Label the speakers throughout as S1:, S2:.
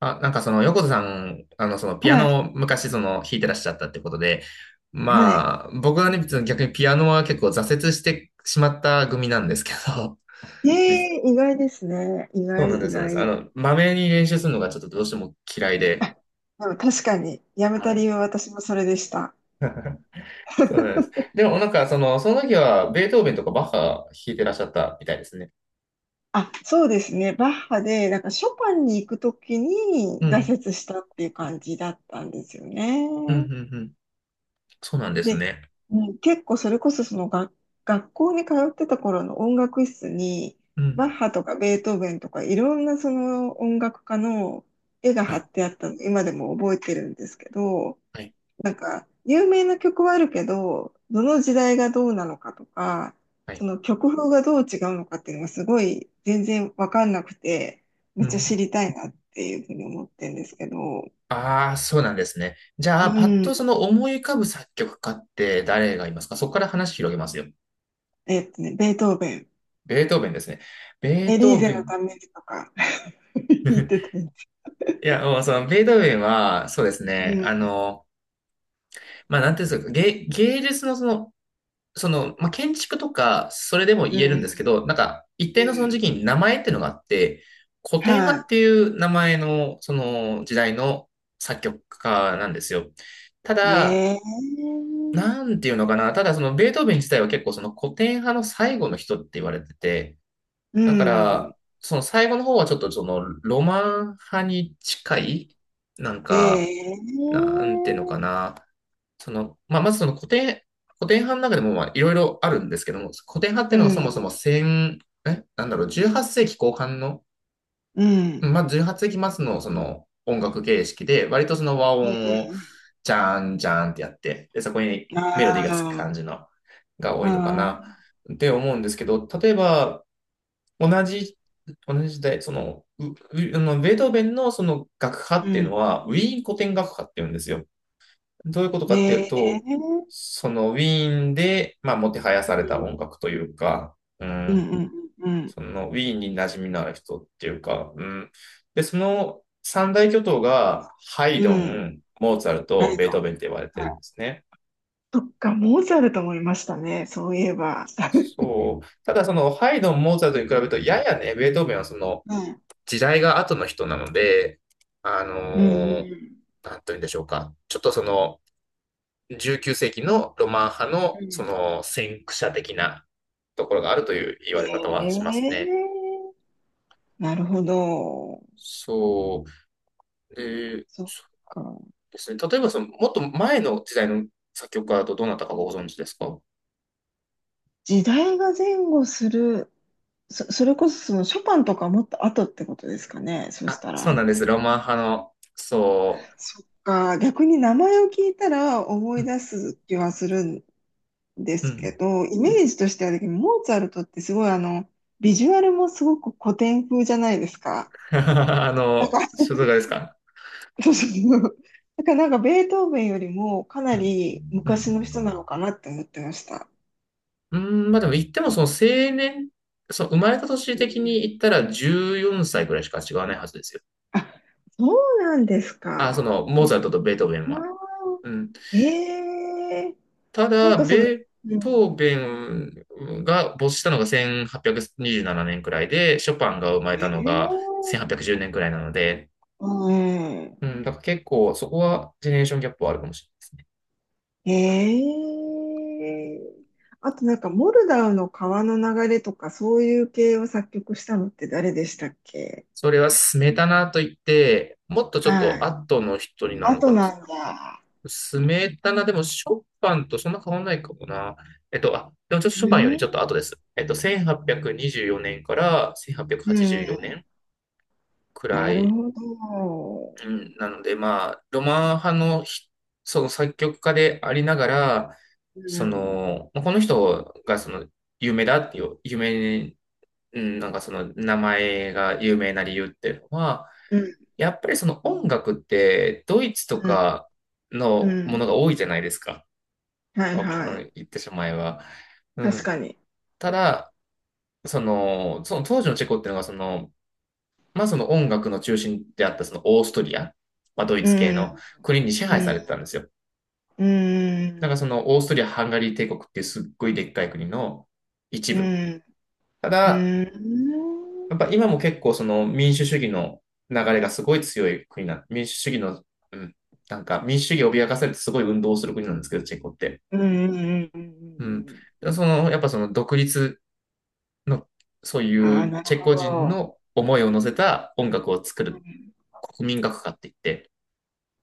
S1: あ、なんかその横田さん、そのピア
S2: はい。
S1: ノを昔その弾いてらっしゃったってことで、
S2: はい。
S1: まあ僕はね、別に逆にピアノは結構挫折してしまった組なんですけど、実
S2: 意外ですね。意
S1: そうな
S2: 外、
S1: んで
S2: 意
S1: す、そうなんです。あ
S2: 外。
S1: の、まめに練習するのがちょっとどうしても嫌い
S2: あ、
S1: で、
S2: でも確かに、やめ
S1: は
S2: た理
S1: い。
S2: 由は私もそれでした。
S1: そうなんです。でもなんかその時はベートーベンとかバッハ弾いてらっしゃったみたいですね。
S2: あ、そうですね。バッハで、なんかショパンに行くときに
S1: うん、
S2: 挫折したっていう感じだったんですよね。
S1: うん、うん、うん。そうなんです
S2: で、
S1: ね。
S2: うん、結構それこそその学校に通ってた頃の音楽室に、
S1: う
S2: バッ
S1: ん。
S2: ハとかベートーベンとかいろんなその音楽家の絵が
S1: は
S2: 貼
S1: い、
S2: ってあったの、今でも覚えてるんですけど、
S1: はい、
S2: なんか、有名な曲はあるけど、どの時代がどうなのかとか、
S1: は
S2: そ
S1: い。
S2: の曲風がどう違うのかっていうのがすごい全然わかんなくて、め
S1: う
S2: っ
S1: ん、う
S2: ちゃ知
S1: ん。
S2: りたいなっていうふうに思ってるんですけど、
S1: ああ、そうなんですね。じゃ
S2: う
S1: あ、パッ
S2: ん。
S1: とその思い浮かぶ作曲家って誰がいますか？そこから話広げますよ。
S2: ベートーベン、
S1: ベートーベンですね。ベ
S2: エ
S1: ー
S2: リ
S1: ト
S2: ー
S1: ー
S2: ゼ
S1: ベ
S2: の
S1: ン。
S2: ためにとか 言って たんです。
S1: いや、もうそのベートーベンは、そうですね。
S2: う
S1: あ
S2: ん、
S1: の、まあ、なんていうんですか、芸術のその、その、まあ、建築とか、それでも
S2: う
S1: 言えるん
S2: ん、
S1: ですけど、なんか、一
S2: う
S1: 定のその時
S2: ん。
S1: 期に名前っていうのがあって、古典派
S2: は
S1: っていう名前の、その時代の作曲家なんですよ。た
S2: い。ね
S1: だ、
S2: え。
S1: なんていうのかな。ただそのベートーベン自体は結構その古典派の最後の人って言われてて、
S2: う
S1: だか
S2: ん。
S1: らその最後の方はちょっとそのロマン派に近い、なん
S2: え
S1: か、
S2: え。
S1: なんていうのかな。その、まあ、まずその古典派の中でもまあいろいろあるんですけども、古典派って
S2: う
S1: いうのは
S2: ん、
S1: そも
S2: う
S1: そも
S2: ん、
S1: 1え、なんだろう、18世紀後半の
S2: うん、うん、
S1: まあ、18世紀末のその音楽形式で、割とその和
S2: う
S1: 音を
S2: ん。
S1: ジャーンジャーンってやって、で、そこに
S2: うん、
S1: メロディ
S2: あ
S1: ーがつく感
S2: あ。
S1: じのが多
S2: あ
S1: いのかな
S2: ー、
S1: って思うんですけど、例えば同じ、同じ時代、その、ううあのベートーベンのその楽派
S2: う
S1: っていうの
S2: ん。
S1: は、ウィーン古典楽派っていうんですよ。どういうこと
S2: え
S1: かっていう
S2: え、
S1: と、
S2: う
S1: そのウィーンで、まあ、もてはやされ
S2: ん、
S1: た音楽というか、う
S2: うん、
S1: ん、
S2: うん、うん、うん。
S1: その、ウィーンに馴染みのある人っていうか、うん。で、その三大巨頭が、ハイ
S2: う
S1: ド
S2: ん。
S1: ン、モーツァル
S2: あ
S1: ト、
S2: れ、
S1: ベートーベンって言われて
S2: はい。
S1: るんですね。
S2: とか、モーツァルトもいましたね、そういえば。
S1: そう。ただ、その、ハイドン、モーツァルトに比べると、ややね、ベートーベンはその、
S2: うん。
S1: 時代が後の人なので、あ
S2: うん、うん、
S1: の
S2: う
S1: なんというんでしょうか。ちょっとその、19世紀のロマン派の、
S2: ん。
S1: その、先駆者的なところがあるという言われ方はします
S2: え
S1: ね。
S2: え、なるほど。
S1: そう。で、
S2: そっか。
S1: ですね。例えばその、もっと前の時代の作曲家だとどなたかご存知ですか？
S2: 時代が前後する、それこそそのショパンとかもっと後ってことですかね、そし
S1: あ、
S2: た
S1: そう
S2: ら。
S1: なんです。ロマン派の、そ
S2: そっか、逆に名前を聞いたら思
S1: う。う
S2: い
S1: ん、
S2: 出す気はするで
S1: う
S2: すけ
S1: ん。
S2: ど、イメージとしてはだけど、モーツァルトってすごいビジュアルもすごく古典風じゃないですか。
S1: あ
S2: なんか、
S1: の、所属ですか？
S2: そうそうそう。だからなんかベートーベンよりもか
S1: う
S2: な
S1: ん、
S2: り
S1: うん。
S2: 昔の人なのかなって思ってました。
S1: うん、まあでも言ってもその青年、そう生まれた年
S2: う
S1: 的に
S2: ん。
S1: 言ったら14歳ぐらいしか違わないはずですよ。
S2: あ、そうなんです
S1: あ、そ
S2: か。
S1: の、モー
S2: で、
S1: ツァルトとベートーベンは。
S2: あ
S1: うん。
S2: ーえ
S1: た
S2: ー、なん
S1: だ、
S2: か
S1: ベ
S2: その、
S1: ー
S2: う
S1: ト
S2: ん、
S1: ーベンが没したのが1827年にじゅうななねんくらいで、ショパンが生まれ
S2: え
S1: たのが
S2: ー、
S1: 1810年じゅうねんくらいなので、
S2: うん、
S1: うん、だから結構そこはジェネレーションギャップはあるかもしれないですね。
S2: ええ、あとなんか、モルダウの川の流れとか、そういう系を作曲したのって誰でしたっけ？
S1: それはスメタナといって、もっとちょっ
S2: はい。
S1: と後の人にな
S2: あ
S1: るの
S2: と
S1: かな。
S2: なんだ。
S1: スメタナでもショパンとそんな変わんないかもな。えっと、あ、でもちょっとショ
S2: う
S1: パンより
S2: ん、
S1: ちょっと後です。えっと、1824年から
S2: う
S1: 1884年はちじゅうよ
S2: ん、
S1: ねんくら
S2: なる
S1: い、
S2: ほど。
S1: うん、なので、まあ、ロマン派のひその作曲家でありながら、
S2: う
S1: そ
S2: ん。
S1: の、まあこの人がその有名だっていう、有名うん、なんかその名前が有名な理由っていうのは、
S2: うん、
S1: やっぱりその音楽ってドイツと
S2: うん、
S1: か
S2: う
S1: のも
S2: ん。
S1: のが多いじゃないですか。
S2: は
S1: あ
S2: い、
S1: あ
S2: は
S1: の
S2: い。
S1: 言ってしまえば。う
S2: 確
S1: ん、
S2: かに。
S1: ただ、その、その当時のチェコっていうのがその、まあその音楽の中心であったそのオーストリア、まあドイ
S2: う
S1: ツ系
S2: ん、
S1: の国に支
S2: う
S1: 配さ
S2: ん、
S1: れてたんですよ。
S2: うん、
S1: なんかそのオーストリア・ハンガリー帝国っていうすっごいでっかい国の一
S2: う
S1: 部。
S2: ん、
S1: た
S2: う
S1: だ、
S2: ん、うん、
S1: やっぱ今も結構その民主主義の流れがすごい強い国な、民主主義の、うん、なんか民主主義を脅かされてすごい運動をする国なんですけど、チェコって。
S2: うん、うん、うん、う
S1: うん。
S2: ん、うん。
S1: その、やっぱその独立の、そうい
S2: ああ、
S1: う
S2: なる
S1: チェ
S2: ほ
S1: コ人
S2: ど。
S1: の思いを乗せた音楽を作
S2: う
S1: る
S2: ん、
S1: 国民楽歌って言って、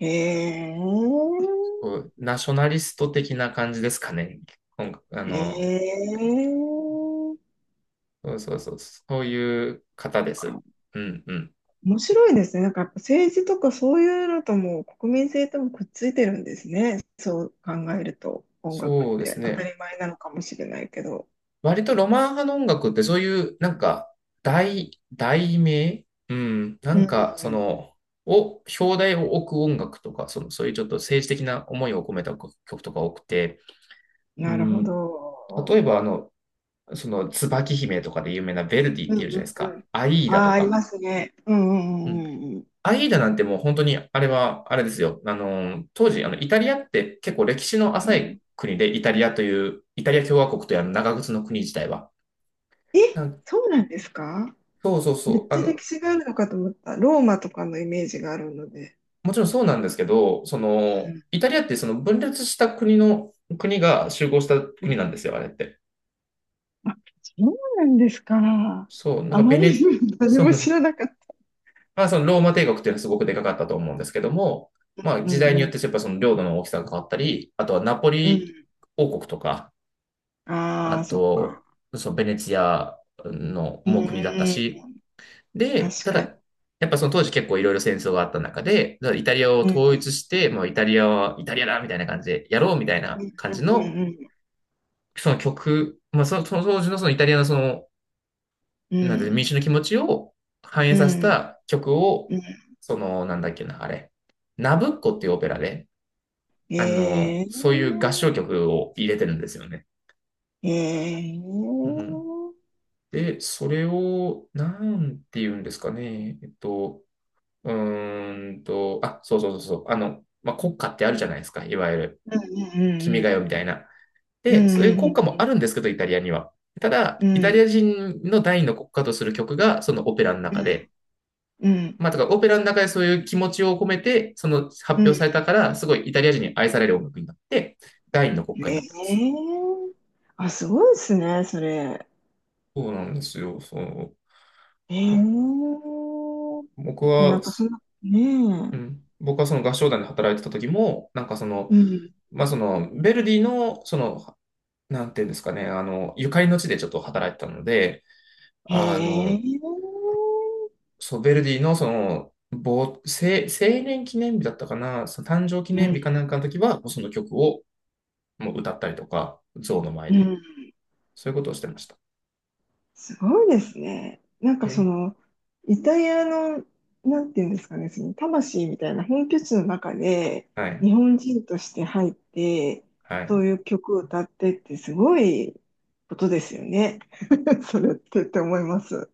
S2: へえ、
S1: こうナショナリスト的な感じですかね。音楽、あ
S2: え
S1: の、
S2: え、
S1: そうそうそう、そういう方です。うんうん。
S2: 面白いですね。なんかやっぱ政治とかそういうのとも国民性ともくっついてるんですね。そう考えると音楽っ
S1: そうです
S2: て当た
S1: ね。
S2: り前なのかもしれないけど。
S1: 割とロマン派の音楽ってそういう、なんか、題名うん。な
S2: う
S1: んか、そ
S2: ん。
S1: の、を、表題を置く音楽とか、その、そういうちょっと政治的な思いを込めた曲とか多くて、う
S2: なるほ
S1: ん。例え
S2: ど。
S1: ば、あの、その、椿姫とかで有名なヴェルディっ
S2: うん、
S1: ていうじ
S2: う
S1: ゃないで
S2: ん、
S1: す
S2: う
S1: か。
S2: ん。
S1: アイーダ
S2: あ
S1: と
S2: あ、あり
S1: か。
S2: ますね。うん、う
S1: う
S2: ん、う
S1: ん。
S2: ん、うん、
S1: アイーダなんてもう本当に、あれは、あれですよ。あの、当時、あの、イタリアって結構歴史の
S2: う
S1: 浅い
S2: ん。
S1: 国で、イタリアという、イタリア共和国というあの長靴の国自体は。
S2: え、そうなんですか？
S1: そうそう
S2: め
S1: そ
S2: っ
S1: う。あ
S2: ちゃ
S1: の、
S2: 歴史があるのかと思った。ローマとかのイメージがあるので。
S1: もちろんそうなんですけど、その、イタリアってその分裂した国の、国が集合した国なんですよ、あれって。
S2: あ、そうなんですか。
S1: そう、なん
S2: あ
S1: か
S2: ま
S1: ベ
S2: り
S1: ネ、
S2: 何
S1: そ
S2: も知
S1: う、
S2: らなかった。
S1: まあそのローマ帝国っていうのはすごくでかかったと思うんですけども、まあ
S2: う
S1: 時代に
S2: ん、
S1: よ
S2: う
S1: っ
S2: ん。
S1: てやっぱその領土の大きさが変わったり、あとはナポ
S2: う
S1: リ
S2: ん。
S1: 王国とか、
S2: あ
S1: あ
S2: あ、そっか。
S1: と、そのベネツィアの
S2: うん、
S1: も
S2: う
S1: う国だった
S2: ん。
S1: し、で、
S2: 確
S1: た
S2: かに。
S1: だ、やっぱその当時結構いろいろ戦争があった中で、だからイタリアを
S2: う
S1: 統一
S2: ん、
S1: して、もうイタリアはイタリアだみたいな感じでやろうみたい
S2: う
S1: な感じの、
S2: ん。
S1: その曲、まあその、その当時のそのイタリアのその、
S2: う
S1: なんていうの
S2: ん、
S1: 民主の気持ちを反映
S2: う
S1: させ
S2: ん、うん。
S1: た曲を、
S2: うん。うん、うん。
S1: その、なんだっけな、あれ、ナブッコっていうオペラで、
S2: え
S1: あの、そういう
S2: え、
S1: 合唱曲を入れてるんですよね。
S2: ええ、
S1: うん、
S2: うん、
S1: で、それを、なんて言うんですかね、あ、そうそうそうそう。あの、まあ、国歌ってあるじゃないですか。いわゆる、
S2: うん、うん、
S1: 君
S2: う
S1: が
S2: ん。
S1: 代みたいな。
S2: う
S1: で、そういう
S2: ん、
S1: 国
S2: う
S1: 歌もあ
S2: ん、
S1: るんですけど、イタリアには。ただ、
S2: う
S1: イ
S2: ん、
S1: タ
S2: う
S1: リア
S2: ん。
S1: 人の第二の国歌とする曲が、そのオペラの
S2: う
S1: 中
S2: ん、
S1: で。
S2: うん、うん。
S1: まあ、だからオペラの中でそういう気持ちを込めて、その発
S2: う
S1: 表
S2: ん、
S1: されたから、すごいイタリア人に愛される音楽になって、第二の国歌
S2: ええ、
S1: になってます。
S2: あ、すごいですね、それ。
S1: そうなんですよ、そう。あ
S2: ええ、
S1: 僕
S2: で、な
S1: は、
S2: んかそんな、ね
S1: う
S2: え。
S1: ん、僕はその合唱団で働いてた時も、なんかその、
S2: うん。
S1: まあ、その、ヴェルディの、その、なんていうんですかね、あの、ゆかりの地でちょっと働いてたので、
S2: へ
S1: あ
S2: え。
S1: の、そう、ヴェルディのその、成年記念日だったかな、その誕生記
S2: う
S1: 念日
S2: ん。
S1: かなんかの時は、その曲をもう歌ったりとか、像の前
S2: う
S1: で、
S2: ん。
S1: そういうことをしてました。
S2: すごいですね。なん
S1: い
S2: か
S1: やい
S2: そ
S1: や、
S2: の、イタリアの、なんていうんですかね、その魂みたいな本拠地の中で、
S1: はい、
S2: 日本人として入って、
S1: は
S2: そ
S1: い。
S2: ういう曲を歌ってってすごいことですよね。それってって思います。す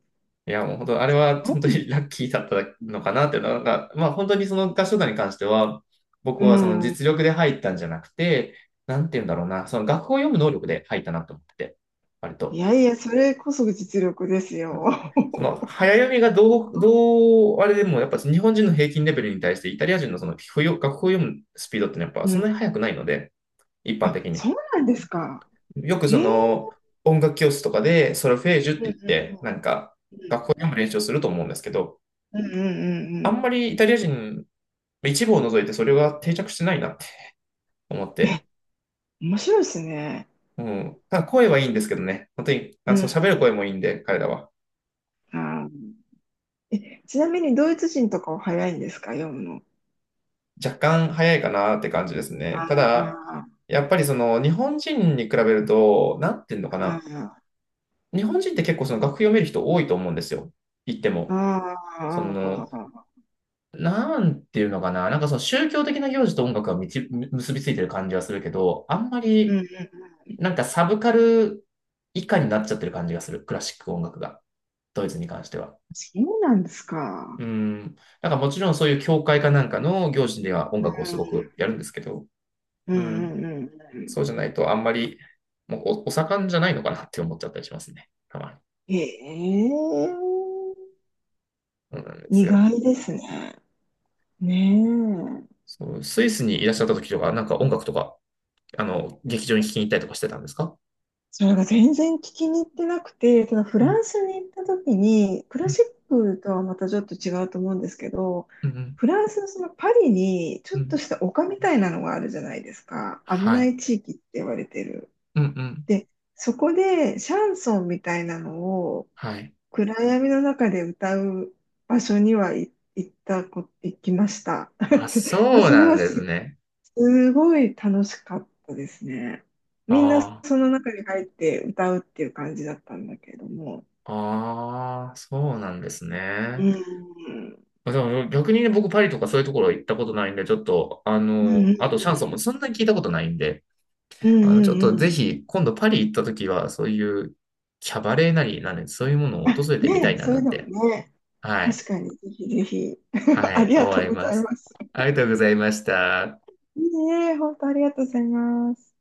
S1: いや、もう本当、あれは
S2: ごい。
S1: 本当にラッキーだったのかなっていうのが、まあ本当にその合唱団に関しては、僕
S2: う
S1: はその
S2: ん。
S1: 実力で入ったんじゃなくて、なんていうんだろうな、その楽譜を読む能力で入ったなと思ってて、割
S2: い
S1: と。
S2: やいや、それこそ実力ですよ。
S1: その
S2: すご
S1: 早読みが
S2: い。
S1: どう、どう、あれでもやっぱ日本人の平均レベルに対してイタリア人のその不要楽譜を読むスピードってのはやっぱ
S2: う
S1: そん
S2: ん。
S1: なに速くないので、一般
S2: あ、
S1: 的に。
S2: そうなんですか。
S1: よくそ
S2: ええ、
S1: の音楽教室とかでソルフェージュっ
S2: うん、
S1: て
S2: う
S1: 言
S2: ん、
S1: っ
S2: う
S1: て、
S2: ん。
S1: なんか
S2: うん、
S1: 学校読む練習をすると思うんですけど、
S2: うん、うん、うん、
S1: あ
S2: う
S1: ん
S2: ん。
S1: まりイタリア人、一部を除いてそれが定着してないなって思っ
S2: え、
S1: て、
S2: 面白いですね。
S1: うん。ただ声はいいんですけどね。本当に、
S2: う
S1: あ、そう
S2: ん。
S1: 喋る声もいいんで、彼らは。
S2: あー、え、ちなみにドイツ人とかは早いんですか、読むの。
S1: 若干早いかなって感じですね。ただ、
S2: ああ、
S1: やっぱりその日本人に比べると、なんていうのかな。
S2: あ
S1: 日本人って結構その楽譜読める人多いと思うんですよ。言って
S2: あ、
S1: も。そ
S2: あ
S1: の、
S2: あ、
S1: なんていうのかな。なんかその宗教的な行事と音楽がみち結びついてる感じはするけど、あんま
S2: うん、
S1: り
S2: うん、
S1: なんかサブカル以下になっちゃってる感じがする。クラシック音楽が。ドイツに関しては。
S2: そうなんですか。
S1: うん。なんかもちろんそういう教会かなんかの行事では音
S2: う
S1: 楽をすごく
S2: ん、
S1: やるんですけど。
S2: うん、
S1: うん。
S2: うん、うん。
S1: そうじゃないとあんまり、もうおお盛んじゃないのかなって思っちゃったりしますね。たまに。
S2: ええ、
S1: そうなんです
S2: 意
S1: よ。
S2: 外ですね。ねえ。
S1: そう、スイスにいらっしゃった時とか、なんか音楽とか、あの、劇場に聴きに行ったりとかしてたんですか？
S2: それが全然聞きに行ってなくて、そのフ
S1: う
S2: ラ
S1: ん
S2: ンスに行った時に、クラ
S1: うん
S2: シックとはまたちょっと違うと思うんですけど、
S1: うんうん。
S2: フランスのそのパリにちょっとした丘みたいなのがあるじゃないですか。危
S1: は
S2: な
S1: い。
S2: い地域って言われてる。
S1: うんうん。
S2: で、そこでシャンソンみたいなのを
S1: はい。
S2: 暗闇の中で歌う場所に、はい、行きました。
S1: あ、そう
S2: それ
S1: なん
S2: は
S1: ですね。
S2: すごい楽しかったですね。みんなそ
S1: あ
S2: の中に入って歌うっていう感じだったんだけれども。
S1: あ、ああ、そうなんです
S2: う
S1: ね。
S2: ん。
S1: でも逆にね、僕パリとかそういうところ行ったことないんで、ちょっと、あ
S2: うん、うん、う
S1: の、あとシャンソンも
S2: ん。
S1: そんなに聞いたことないんで、
S2: うん、
S1: あの、
S2: う
S1: ちょっと
S2: ん、う
S1: ぜ
S2: ん。
S1: ひ、今度パリ行った時は、そういうキャバレーなり、なんで、そういうものを
S2: あ、
S1: 訪れてみた
S2: ね、
S1: いな
S2: そうい
S1: な
S2: う
S1: ん
S2: の
S1: て、
S2: もね、
S1: はい、
S2: 確かにぜひぜひ。
S1: は
S2: あ
S1: い、
S2: りが
S1: 思
S2: とう
S1: い
S2: ご
S1: ま
S2: ざい
S1: す。
S2: ます。
S1: ありがとうございました。
S2: いいね、本当ありがとうございます。